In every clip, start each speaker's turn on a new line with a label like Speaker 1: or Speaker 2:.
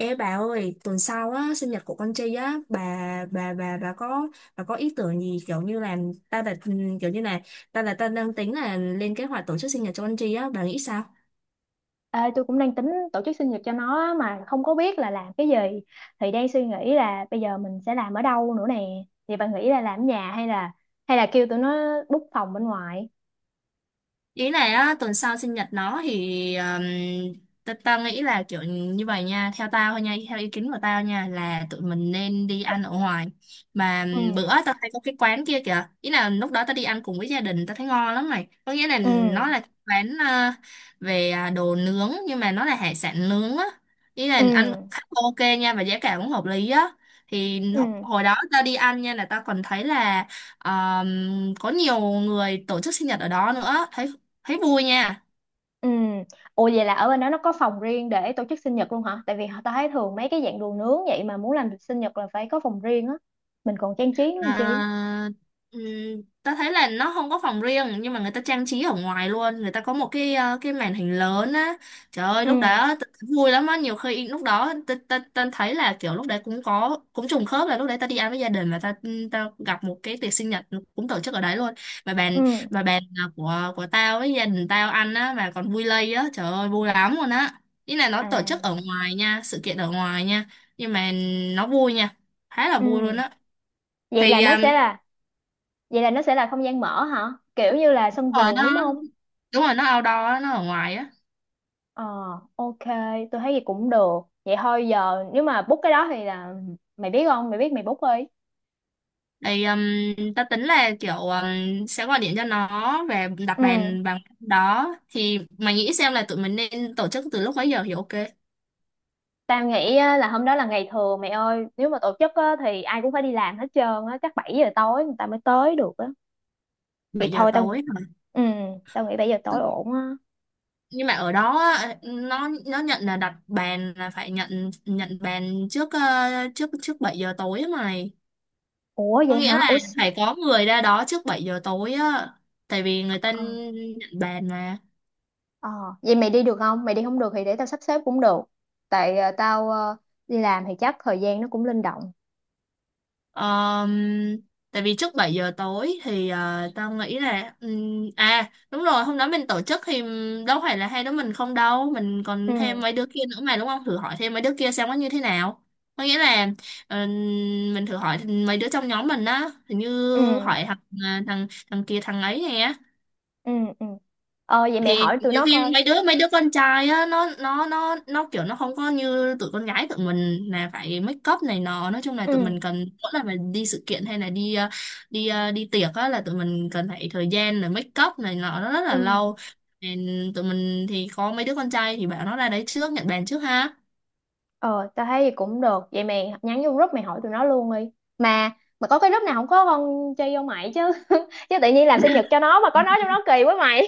Speaker 1: Ê bà ơi, tuần sau á, sinh nhật của con Tri á, bà bà bà có bà có ý tưởng gì kiểu như là ta là ừ, kiểu như là ta đang tính là lên kế hoạch tổ chức sinh nhật cho con Tri á, bà nghĩ sao?
Speaker 2: Ê, tôi cũng đang tính tổ chức sinh nhật cho nó á, mà không có biết là làm cái gì thì đang suy nghĩ là bây giờ mình sẽ làm ở đâu nữa nè thì bạn nghĩ là làm ở nhà hay là kêu tụi nó book phòng bên ngoài.
Speaker 1: Ý này á, tuần sau sinh nhật nó thì ta nghĩ là kiểu như vậy nha, theo tao thôi nha, theo ý kiến của tao nha, là tụi mình nên đi ăn ở ngoài. Mà bữa
Speaker 2: Ừ,
Speaker 1: tao thấy có cái quán kia kìa, ý là lúc đó tao đi ăn cùng với gia đình, tao thấy ngon lắm này, có nghĩa là
Speaker 2: ừ,
Speaker 1: nó là quán về đồ nướng nhưng mà nó là hải sản nướng á, ý
Speaker 2: ừ,
Speaker 1: là ăn khá ok nha và giá cả cũng hợp lý á. Thì
Speaker 2: ừ,
Speaker 1: hồi đó tao đi ăn nha, là tao còn thấy là có nhiều người tổ chức sinh nhật ở đó nữa, thấy thấy vui nha.
Speaker 2: ừ. Ủa vậy là ở bên đó nó có phòng riêng để tổ chức sinh nhật luôn hả, tại vì tao thấy thường mấy cái dạng đồ nướng vậy mà muốn làm sinh nhật là phải có phòng riêng á, mình còn trang trí nữa làm chi.
Speaker 1: à, ừm, Ta thấy là nó không có phòng riêng nhưng mà người ta trang trí ở ngoài luôn, người ta có một cái màn hình lớn á, trời ơi lúc
Speaker 2: Ừ,
Speaker 1: đó vui lắm á, nhiều khi lúc đó ta thấy là kiểu lúc đấy cũng có cũng trùng khớp là lúc đấy ta đi ăn với gia đình và ta, ta gặp một cái tiệc sinh nhật cũng tổ chức ở đấy luôn. mà bàn
Speaker 2: ừ,
Speaker 1: mà bàn à, của tao với gia đình tao ăn á mà còn vui lây á, trời ơi vui lắm luôn á, ý là nó tổ chức ở
Speaker 2: à,
Speaker 1: ngoài nha, sự kiện ở ngoài nha, nhưng mà nó vui nha, khá là vui luôn
Speaker 2: ừ.
Speaker 1: á.
Speaker 2: vậy là
Speaker 1: Thì
Speaker 2: nó sẽ là Vậy là nó sẽ là không gian mở hả? Kiểu như là sân
Speaker 1: đúng rồi
Speaker 2: vườn
Speaker 1: nó,
Speaker 2: đúng không?
Speaker 1: đúng rồi nó outdoor á, nó ở ngoài á.
Speaker 2: Ờ, ok, tôi thấy vậy cũng được. Vậy thôi giờ nếu mà book cái đó thì là mày biết không? Mày biết mày book đi.
Speaker 1: Thì ta tính là kiểu sẽ gọi điện cho nó và đặt
Speaker 2: Ừ,
Speaker 1: bàn bằng đó, thì mày nghĩ xem là tụi mình nên tổ chức từ lúc mấy giờ thì ok?
Speaker 2: tao nghĩ á, là hôm đó là ngày thường mày ơi. Nếu mà tổ chức á, thì ai cũng phải đi làm hết trơn á. Chắc 7 giờ tối người ta mới tới được á. Thì
Speaker 1: 7 giờ
Speaker 2: thôi tao,
Speaker 1: tối hả?
Speaker 2: ừ, tao nghĩ 7 giờ tối ổn á.
Speaker 1: Nhưng mà ở đó á, nó nhận là đặt bàn là phải nhận nhận bàn trước trước trước 7 giờ tối á mày,
Speaker 2: Ủa
Speaker 1: có
Speaker 2: vậy
Speaker 1: nghĩa
Speaker 2: hả?
Speaker 1: là
Speaker 2: Ủa,
Speaker 1: phải có người ra đó trước 7 giờ tối á, tại vì người ta
Speaker 2: ờ,
Speaker 1: nhận bàn mà.
Speaker 2: ờ. Vậy mày đi được không? Mày đi không được thì để tao sắp xếp cũng được. Tại ờ, tao ờ, đi làm thì chắc thời gian nó cũng linh động.
Speaker 1: Ờm, Tại vì trước 7 giờ tối thì tao nghĩ là à đúng rồi, hôm đó mình tổ chức thì đâu phải là hai đứa mình không đâu, mình còn thêm
Speaker 2: Ừ,
Speaker 1: mấy đứa kia nữa mà, đúng không, thử hỏi thêm mấy đứa kia xem nó như thế nào, có nghĩa là ừm, mình thử hỏi mấy đứa trong nhóm mình á, hình như
Speaker 2: ừ,
Speaker 1: hỏi thằng à, thằng thằng kia, thằng ấy nè.
Speaker 2: ừ, ừ. Ờ vậy mày
Speaker 1: Thì
Speaker 2: hỏi tụi
Speaker 1: nhiều
Speaker 2: nó
Speaker 1: khi
Speaker 2: coi.
Speaker 1: mấy đứa con trai á, nó kiểu nó không có như tụi con gái tụi mình là phải make up này nọ, nói chung là tụi
Speaker 2: Ừ,
Speaker 1: mình cần mỗi lần mà đi sự kiện hay là đi tiệc á là tụi mình cần phải thời gian là make up này nọ, nó rất là
Speaker 2: ừ.
Speaker 1: lâu. Nên tụi mình thì có mấy đứa con trai thì bảo nó ra đấy trước, nhận bàn trước ha.
Speaker 2: Ờ tao thấy vậy cũng được, vậy mày nhắn vô group mày hỏi tụi nó luôn đi, mà có cái group nào không có con chơi vô mày chứ, chứ tự nhiên làm sinh nhật cho nó mà có nó trong đó kỳ quá mày.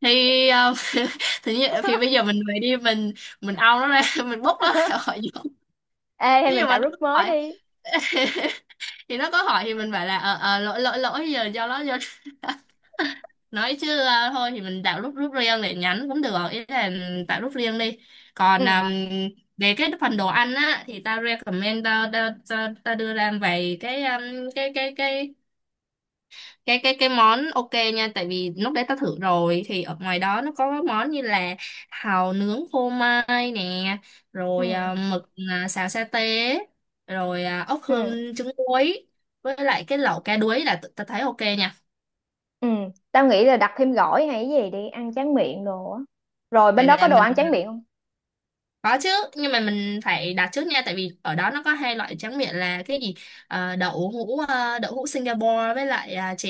Speaker 1: Thì thì bây giờ mình về đi, mình ao nó ra, mình bốc nó ra khỏi giường.
Speaker 2: Ê hay
Speaker 1: Thế
Speaker 2: mình
Speaker 1: nhưng mà
Speaker 2: tạo
Speaker 1: nó
Speaker 2: group
Speaker 1: không
Speaker 2: mới
Speaker 1: phải.
Speaker 2: đi.
Speaker 1: Thì nó có hỏi thì mình phải là lỗi lỗi lỗi, giờ do nó do nói chứ, à, thôi thì mình tạo group group riêng để nhắn cũng được, ý là tạo group riêng đi. Còn
Speaker 2: Ừ,
Speaker 1: về cái phần đồ ăn á thì tao recommend, tao đưa ra vài cái cái cái cái cái món ok nha, tại vì lúc đấy tao thử rồi, thì ở ngoài đó nó có món như là hàu nướng phô mai nè,
Speaker 2: ừ,
Speaker 1: rồi mực xào sa tế, rồi ốc
Speaker 2: ừ,
Speaker 1: hương trứng muối, với lại cái lẩu cá đuối là tao thấy ok nha.
Speaker 2: ừ. Tao nghĩ là đặt thêm gỏi hay cái gì đi ăn tráng miệng đồ á, rồi bên
Speaker 1: Vậy
Speaker 2: đó có
Speaker 1: là
Speaker 2: đồ
Speaker 1: mình
Speaker 2: ăn tráng miệng không.
Speaker 1: có chứ, nhưng mà mình phải đặt trước nha, tại vì ở đó nó có hai loại tráng miệng là cái gì? Đậu hũ Singapore với lại chè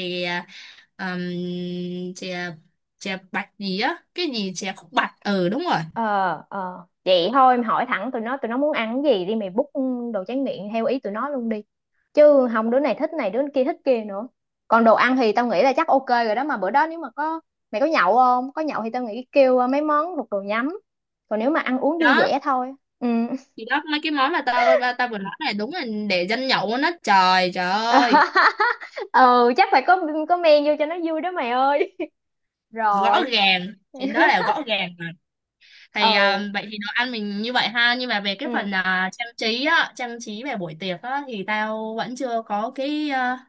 Speaker 1: um, chè chè bạch gì á, cái gì chè khúc bạch, ừ đúng rồi
Speaker 2: Ờ, ờ vậy thôi em hỏi thẳng tụi nó muốn ăn cái gì đi mày book đồ tráng miệng theo ý tụi nó luôn đi, chứ không đứa này thích này đứa kia thích kia nữa. Còn đồ ăn thì tao nghĩ là chắc ok rồi đó, mà bữa đó nếu mà có mày có nhậu không, có nhậu thì tao nghĩ kêu mấy món thuộc đồ nhắm, còn nếu mà ăn uống vui
Speaker 1: đó.
Speaker 2: vẻ thôi. Ừ.
Speaker 1: Thì đó mấy cái món mà tao ba tao vừa nói này đúng là để dân nhậu nó, trời trời ơi,
Speaker 2: Ừ chắc phải có men vô cho nó vui đó mày ơi.
Speaker 1: rõ
Speaker 2: Rồi.
Speaker 1: ràng, chuyện đó là rõ ràng mà. Thì
Speaker 2: Ừ,
Speaker 1: vậy thì đồ ăn mình như vậy ha, nhưng mà về cái
Speaker 2: ừ,
Speaker 1: phần trang trí á, trang trí về buổi tiệc á thì tao vẫn chưa có cái à,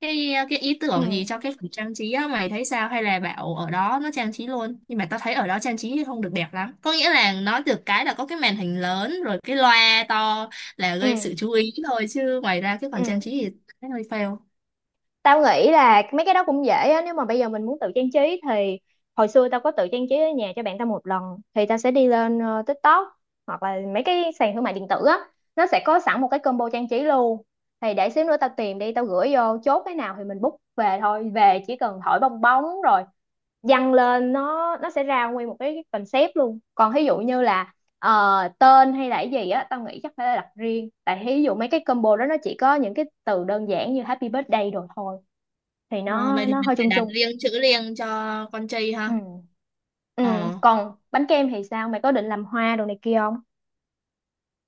Speaker 1: cái ờ, cái ý
Speaker 2: ừ,
Speaker 1: tưởng gì cho cái phần trang trí á, mày thấy sao, hay là bảo ở đó nó trang trí luôn, nhưng mà tao thấy ở đó trang trí không được đẹp lắm, có nghĩa là nói được cái là có cái màn hình lớn rồi cái loa to là gây
Speaker 2: ừ,
Speaker 1: sự chú ý thôi, chứ ngoài ra cái phần trang trí
Speaker 2: ừ.
Speaker 1: thì thấy hơi fail.
Speaker 2: Tao nghĩ là mấy cái đó cũng dễ á, nếu mà bây giờ mình muốn tự trang trí thì hồi xưa tao có tự trang trí ở nhà cho bạn tao một lần thì tao sẽ đi lên TikTok hoặc là mấy cái sàn thương mại điện tử á, nó sẽ có sẵn một cái combo trang trí luôn. Thì để xíu nữa tao tìm đi tao gửi vô chốt cái nào thì mình book về thôi, về chỉ cần thổi bong bóng rồi dăng lên nó sẽ ra nguyên một cái concept luôn. Còn ví dụ như là tên hay là cái gì á, tao nghĩ chắc phải đặt riêng, tại ví dụ mấy cái combo đó nó chỉ có những cái từ đơn giản như happy birthday rồi thôi, thì
Speaker 1: Ờ,
Speaker 2: nó
Speaker 1: Vậy thì
Speaker 2: nó
Speaker 1: mình
Speaker 2: hơi
Speaker 1: phải
Speaker 2: chung
Speaker 1: đặt
Speaker 2: chung.
Speaker 1: riêng, chữ riêng cho con trai
Speaker 2: Ừ,
Speaker 1: ha.
Speaker 2: ừ.
Speaker 1: Ờ
Speaker 2: Còn bánh kem thì sao, mày có định làm hoa đồ này kia không?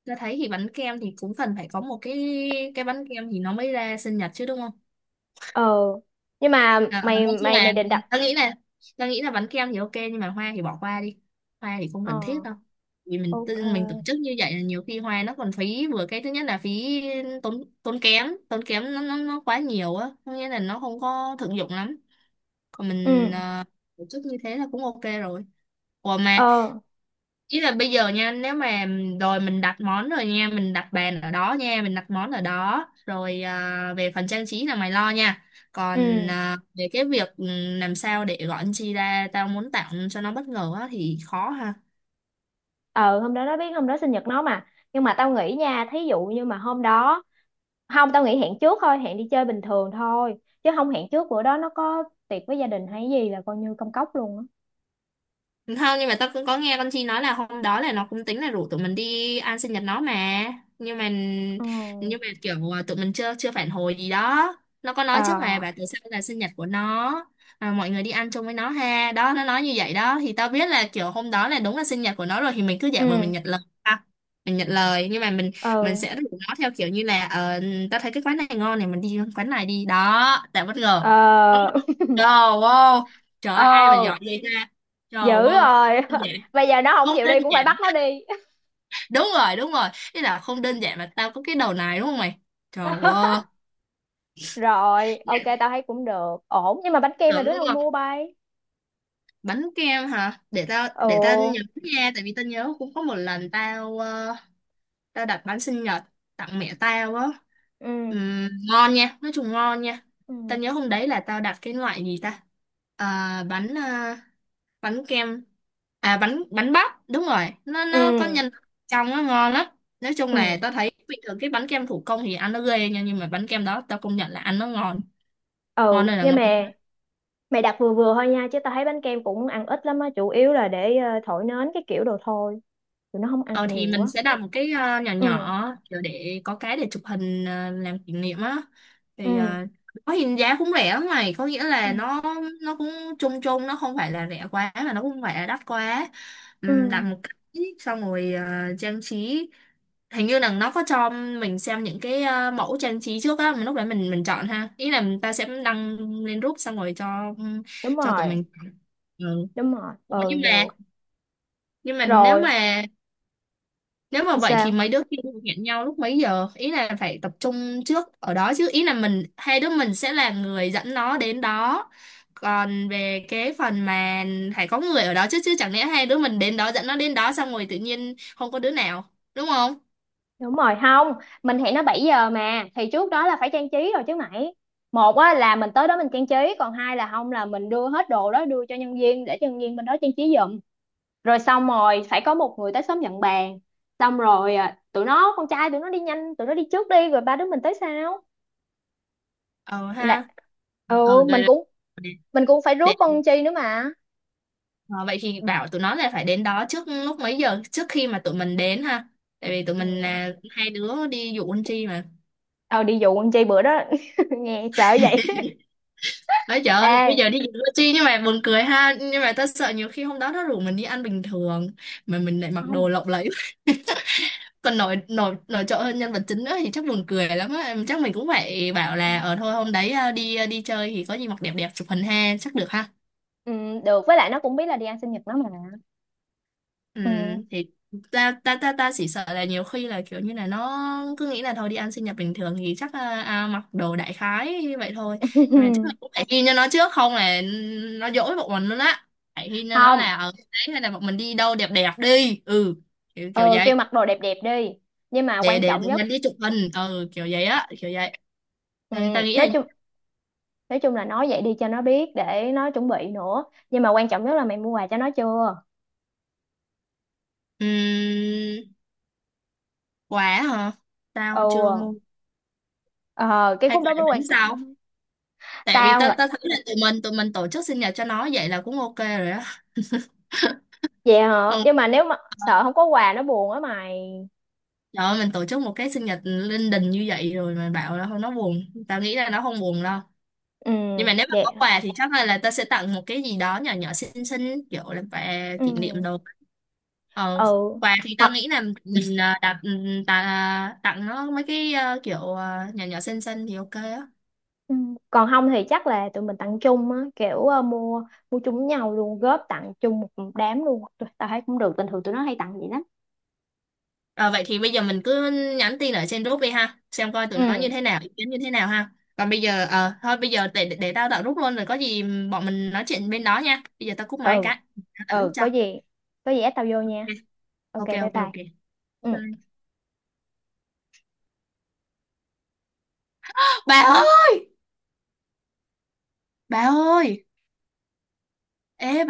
Speaker 1: tao thấy thì bánh kem thì cũng cần phải có một cái bánh kem thì nó mới ra sinh nhật chứ, đúng không?
Speaker 2: Ờ nhưng mà mày
Speaker 1: Nói chung
Speaker 2: mày mày
Speaker 1: là
Speaker 2: định đặt.
Speaker 1: tao nghĩ là bánh kem thì ok nhưng mà hoa thì bỏ qua đi, hoa thì không cần thiết
Speaker 2: Ờ,
Speaker 1: đâu. Vì mình tổ
Speaker 2: ok.
Speaker 1: chức như vậy là nhiều khi hoa nó còn phí, vừa cái thứ nhất là phí, tốn tốn kém nó quá nhiều á, có nghĩa là nó không có thực dụng lắm, còn
Speaker 2: Ừ.
Speaker 1: mình tổ chức như thế là cũng ok rồi. Ủa mà
Speaker 2: Ờ.
Speaker 1: ý là bây giờ nha, nếu mà rồi mình đặt món rồi nha, mình đặt bàn ở đó nha, mình đặt món ở đó rồi, về phần trang trí là mày lo nha. Còn
Speaker 2: Ừ.
Speaker 1: về cái việc làm sao để gọi anh chi ra, tao muốn tặng cho nó bất ngờ á, thì khó ha.
Speaker 2: Ờ hôm đó nó biết hôm đó sinh nhật nó mà, nhưng mà tao nghĩ nha, thí dụ như mà hôm đó không, tao nghĩ hẹn trước thôi, hẹn đi chơi bình thường thôi, chứ không hẹn trước bữa đó nó có tiệc với gia đình hay gì là coi như công cốc luôn á.
Speaker 1: Không, nhưng mà tao cũng có nghe con Chi nói là hôm đó là nó cũng tính là rủ tụi mình đi ăn sinh nhật nó mà. Nhưng mà
Speaker 2: Ừ.
Speaker 1: nhưng mà kiểu tụi mình chưa chưa phản hồi gì đó. Nó có
Speaker 2: Ờ.
Speaker 1: nói trước mà bà, tại sao là sinh nhật của nó, mọi người đi ăn chung với nó ha. Đó, nó nói như vậy đó, thì tao biết là kiểu hôm đó là đúng là sinh nhật của nó rồi, thì mình cứ giả vờ mình
Speaker 2: Ừ,
Speaker 1: nhận lời ha. Mình nhận lời nhưng mà mình
Speaker 2: ừ.
Speaker 1: sẽ rủ nó theo kiểu như là tao thấy cái quán này ngon này, mình đi quán này đi đó, tạo bất ngờ.
Speaker 2: Ờ.
Speaker 1: Trời ơi, trời ơi, ai mà
Speaker 2: Ờ
Speaker 1: giỏi vậy ta? Trời
Speaker 2: dữ
Speaker 1: ơi,
Speaker 2: rồi.
Speaker 1: đơn giản,
Speaker 2: Bây giờ nó không
Speaker 1: không
Speaker 2: chịu
Speaker 1: đơn
Speaker 2: đi cũng phải
Speaker 1: giản.
Speaker 2: bắt nó đi.
Speaker 1: Đúng rồi, đúng rồi. Thế là không đơn giản mà tao có cái đầu này, đúng không mày? Trời ơi,
Speaker 2: Rồi ok
Speaker 1: dạ,
Speaker 2: tao thấy cũng được ổn, nhưng mà bánh kem là
Speaker 1: tưởng
Speaker 2: đứa
Speaker 1: đúng
Speaker 2: nào
Speaker 1: không?
Speaker 2: mua bay?
Speaker 1: Bánh kem hả? Để tao nhớ
Speaker 2: Ừ,
Speaker 1: nha, tại vì tao nhớ cũng có một lần tao đặt bánh sinh nhật tặng mẹ tao á.
Speaker 2: ừ,
Speaker 1: Ngon nha, nói chung ngon nha. Tao
Speaker 2: ừ,
Speaker 1: nhớ hôm đấy là tao đặt cái loại gì ta? À, bánh bánh kem à bánh bánh bắp đúng rồi, nó có
Speaker 2: ừ,
Speaker 1: nhân trong, nó ngon lắm, nói chung
Speaker 2: ừ,
Speaker 1: là tao thấy bình thường cái bánh kem thủ công thì ăn nó ghê nha, nhưng mà bánh kem đó tao công nhận là ăn nó ngon, ngon
Speaker 2: ừ.
Speaker 1: đây là
Speaker 2: Nhưng
Speaker 1: ngon.
Speaker 2: mà mày đặt vừa vừa thôi nha, chứ tao thấy bánh kem cũng ăn ít lắm á, chủ yếu là để thổi nến cái kiểu đồ thôi, tụi nó không ăn
Speaker 1: Ờ thì
Speaker 2: nhiều á.
Speaker 1: mình sẽ đặt một cái nhỏ
Speaker 2: Ừ,
Speaker 1: nhỏ, kiểu để có cái để chụp hình làm kỷ niệm á.
Speaker 2: ừ,
Speaker 1: Thì có hình giá cũng rẻ lắm này, có nghĩa
Speaker 2: ừ,
Speaker 1: là nó cũng chung chung, nó không phải là rẻ quá mà nó cũng không phải là đắt quá.
Speaker 2: ừ.
Speaker 1: Đặt một cái xong rồi trang trí. Hình như là nó có cho mình xem những cái mẫu trang trí trước á, mình lúc đấy mình chọn ha. Ý là người ta sẽ đăng lên group xong rồi
Speaker 2: Đúng
Speaker 1: cho tụi
Speaker 2: rồi,
Speaker 1: mình chọn. Ừ.
Speaker 2: đúng rồi,
Speaker 1: Ủa,
Speaker 2: ừ
Speaker 1: nhưng mà
Speaker 2: được
Speaker 1: nhưng mà nếu
Speaker 2: rồi,
Speaker 1: mà nếu mà vậy thì
Speaker 2: sao?
Speaker 1: mấy đứa kia hẹn nhau lúc mấy giờ? Ý là phải tập trung trước ở đó chứ. Ý là mình hai đứa mình sẽ là người dẫn nó đến đó. Còn về cái phần mà phải có người ở đó chứ chứ chẳng lẽ hai đứa mình đến đó dẫn nó đến đó xong rồi tự nhiên không có đứa nào, đúng không?
Speaker 2: Đúng rồi, không, mình hẹn nó 7 giờ mà, thì trước đó là phải trang trí rồi chứ mày. Một á, là mình tới đó mình trang trí. Còn hai là không là mình đưa hết đồ đó, đưa cho nhân viên để cho nhân viên bên đó trang trí giùm. Rồi xong rồi phải có một người tới sớm nhận bàn. Xong rồi à, tụi nó con trai tụi nó đi nhanh, tụi nó đi trước đi rồi ba đứa mình tới sau
Speaker 1: Ờ
Speaker 2: là.
Speaker 1: ha. Ờ
Speaker 2: Ừ
Speaker 1: đây
Speaker 2: mình
Speaker 1: đây.
Speaker 2: cũng mình cũng phải
Speaker 1: Để,
Speaker 2: rước
Speaker 1: để-
Speaker 2: con Chi nữa mà.
Speaker 1: ờ, Vậy thì bảo tụi nó là phải đến đó trước lúc mấy giờ, trước khi mà tụi mình đến ha. Tại vì tụi mình
Speaker 2: Ừ.
Speaker 1: là hai đứa đi dụ anh Chi mà.
Speaker 2: Ờ đi dụ con Chi bữa đó, nghe sợ vậy.
Speaker 1: Ấy trời ơi, bây giờ
Speaker 2: Ê
Speaker 1: đi dự chi nhưng mà buồn cười ha. Nhưng mà tao sợ nhiều khi hôm đó nó rủ mình đi ăn bình thường mà mình lại mặc đồ
Speaker 2: không.
Speaker 1: lộng lẫy, còn nổi nổi nổi trội hơn nhân vật chính nữa thì chắc buồn cười lắm á. Chắc mình cũng phải bảo
Speaker 2: Ừ,
Speaker 1: là ở thôi hôm đấy đi chơi thì có gì mặc đẹp đẹp chụp hình ha, chắc được ha.
Speaker 2: ừ, được, với lại nó cũng biết là đi ăn sinh nhật nó mà.
Speaker 1: Ừ,
Speaker 2: Ừ.
Speaker 1: thì ta ta ta ta chỉ sợ là nhiều khi là kiểu như là nó cứ nghĩ là thôi đi ăn sinh nhật bình thường thì chắc là, mặc đồ đại khái vậy thôi, nhưng mà chắc là
Speaker 2: Ừ,
Speaker 1: cũng phải ghi cho nó trước, không là nó dỗi bọn mình luôn á, phải ghi cho nó
Speaker 2: không.
Speaker 1: là ở đấy hay là bọn mình đi đâu đẹp đẹp đi, ừ kiểu, kiểu
Speaker 2: Ừ, kêu
Speaker 1: vậy,
Speaker 2: mặc đồ đẹp đẹp đi, nhưng mà
Speaker 1: để
Speaker 2: quan
Speaker 1: để
Speaker 2: trọng
Speaker 1: để
Speaker 2: nhất.
Speaker 1: nhân đi chụp hình, ừ kiểu vậy á kiểu vậy.
Speaker 2: Ừ,
Speaker 1: Ta nghĩ là
Speaker 2: nói chung nói chung là nói vậy đi cho nó biết để nó chuẩn bị nữa, nhưng mà quan trọng nhất là mày mua quà cho nó chưa?
Speaker 1: ừm, quà hả,
Speaker 2: Ừ.
Speaker 1: tao chưa mua,
Speaker 2: Ờ, cái
Speaker 1: hay
Speaker 2: khúc
Speaker 1: quà
Speaker 2: đó mới
Speaker 1: bánh
Speaker 2: quan trọng
Speaker 1: sao,
Speaker 2: á má.
Speaker 1: tại vì
Speaker 2: Tao
Speaker 1: ta
Speaker 2: ngờ
Speaker 1: ta thấy là tụi mình tổ chức sinh nhật cho nó vậy là cũng ok rồi á.
Speaker 2: vậy hả,
Speaker 1: Ừ,
Speaker 2: nhưng mà nếu mà sợ không có quà nó buồn á mày.
Speaker 1: trời ơi, mình tổ chức một cái sinh nhật linh đình như vậy rồi mà bảo là không nó buồn. Tao nghĩ là nó không buồn đâu.
Speaker 2: Ừ,
Speaker 1: Nhưng mà nếu mà
Speaker 2: vậy
Speaker 1: có
Speaker 2: hả?
Speaker 1: quà thì chắc là tao sẽ tặng một cái gì đó nhỏ nhỏ xinh xinh kiểu là quà
Speaker 2: Ừ,
Speaker 1: kỷ niệm đồ. Ờ,
Speaker 2: ừ,
Speaker 1: quà thì tao
Speaker 2: hoặc.
Speaker 1: nghĩ là mình tặng nó mấy cái kiểu nhỏ nhỏ xinh xinh thì ok á.
Speaker 2: Ừ. Còn không thì chắc là tụi mình tặng chung á, kiểu mua mua chung với nhau luôn, góp tặng chung một đám luôn. Tao thấy cũng được, bình thường tụi nó hay tặng vậy lắm.
Speaker 1: Ờ, vậy thì bây giờ mình cứ nhắn tin ở trên group đi ha, xem coi tụi nó như
Speaker 2: Ừ,
Speaker 1: thế nào, ý kiến như thế nào ha. Còn bây giờ, thôi bây giờ để tao tạo group luôn rồi có gì bọn mình nói chuyện bên đó nha. Bây giờ tao cúp máy
Speaker 2: ừ,
Speaker 1: cái, tao tạo group
Speaker 2: ừ, có
Speaker 1: cho.
Speaker 2: gì có gì ép tao vô nha, ok
Speaker 1: Ok,
Speaker 2: bye
Speaker 1: ok,
Speaker 2: bye.
Speaker 1: ok.
Speaker 2: Ừ.
Speaker 1: Bye bye. Bà ơi, bà ơi, ê bà.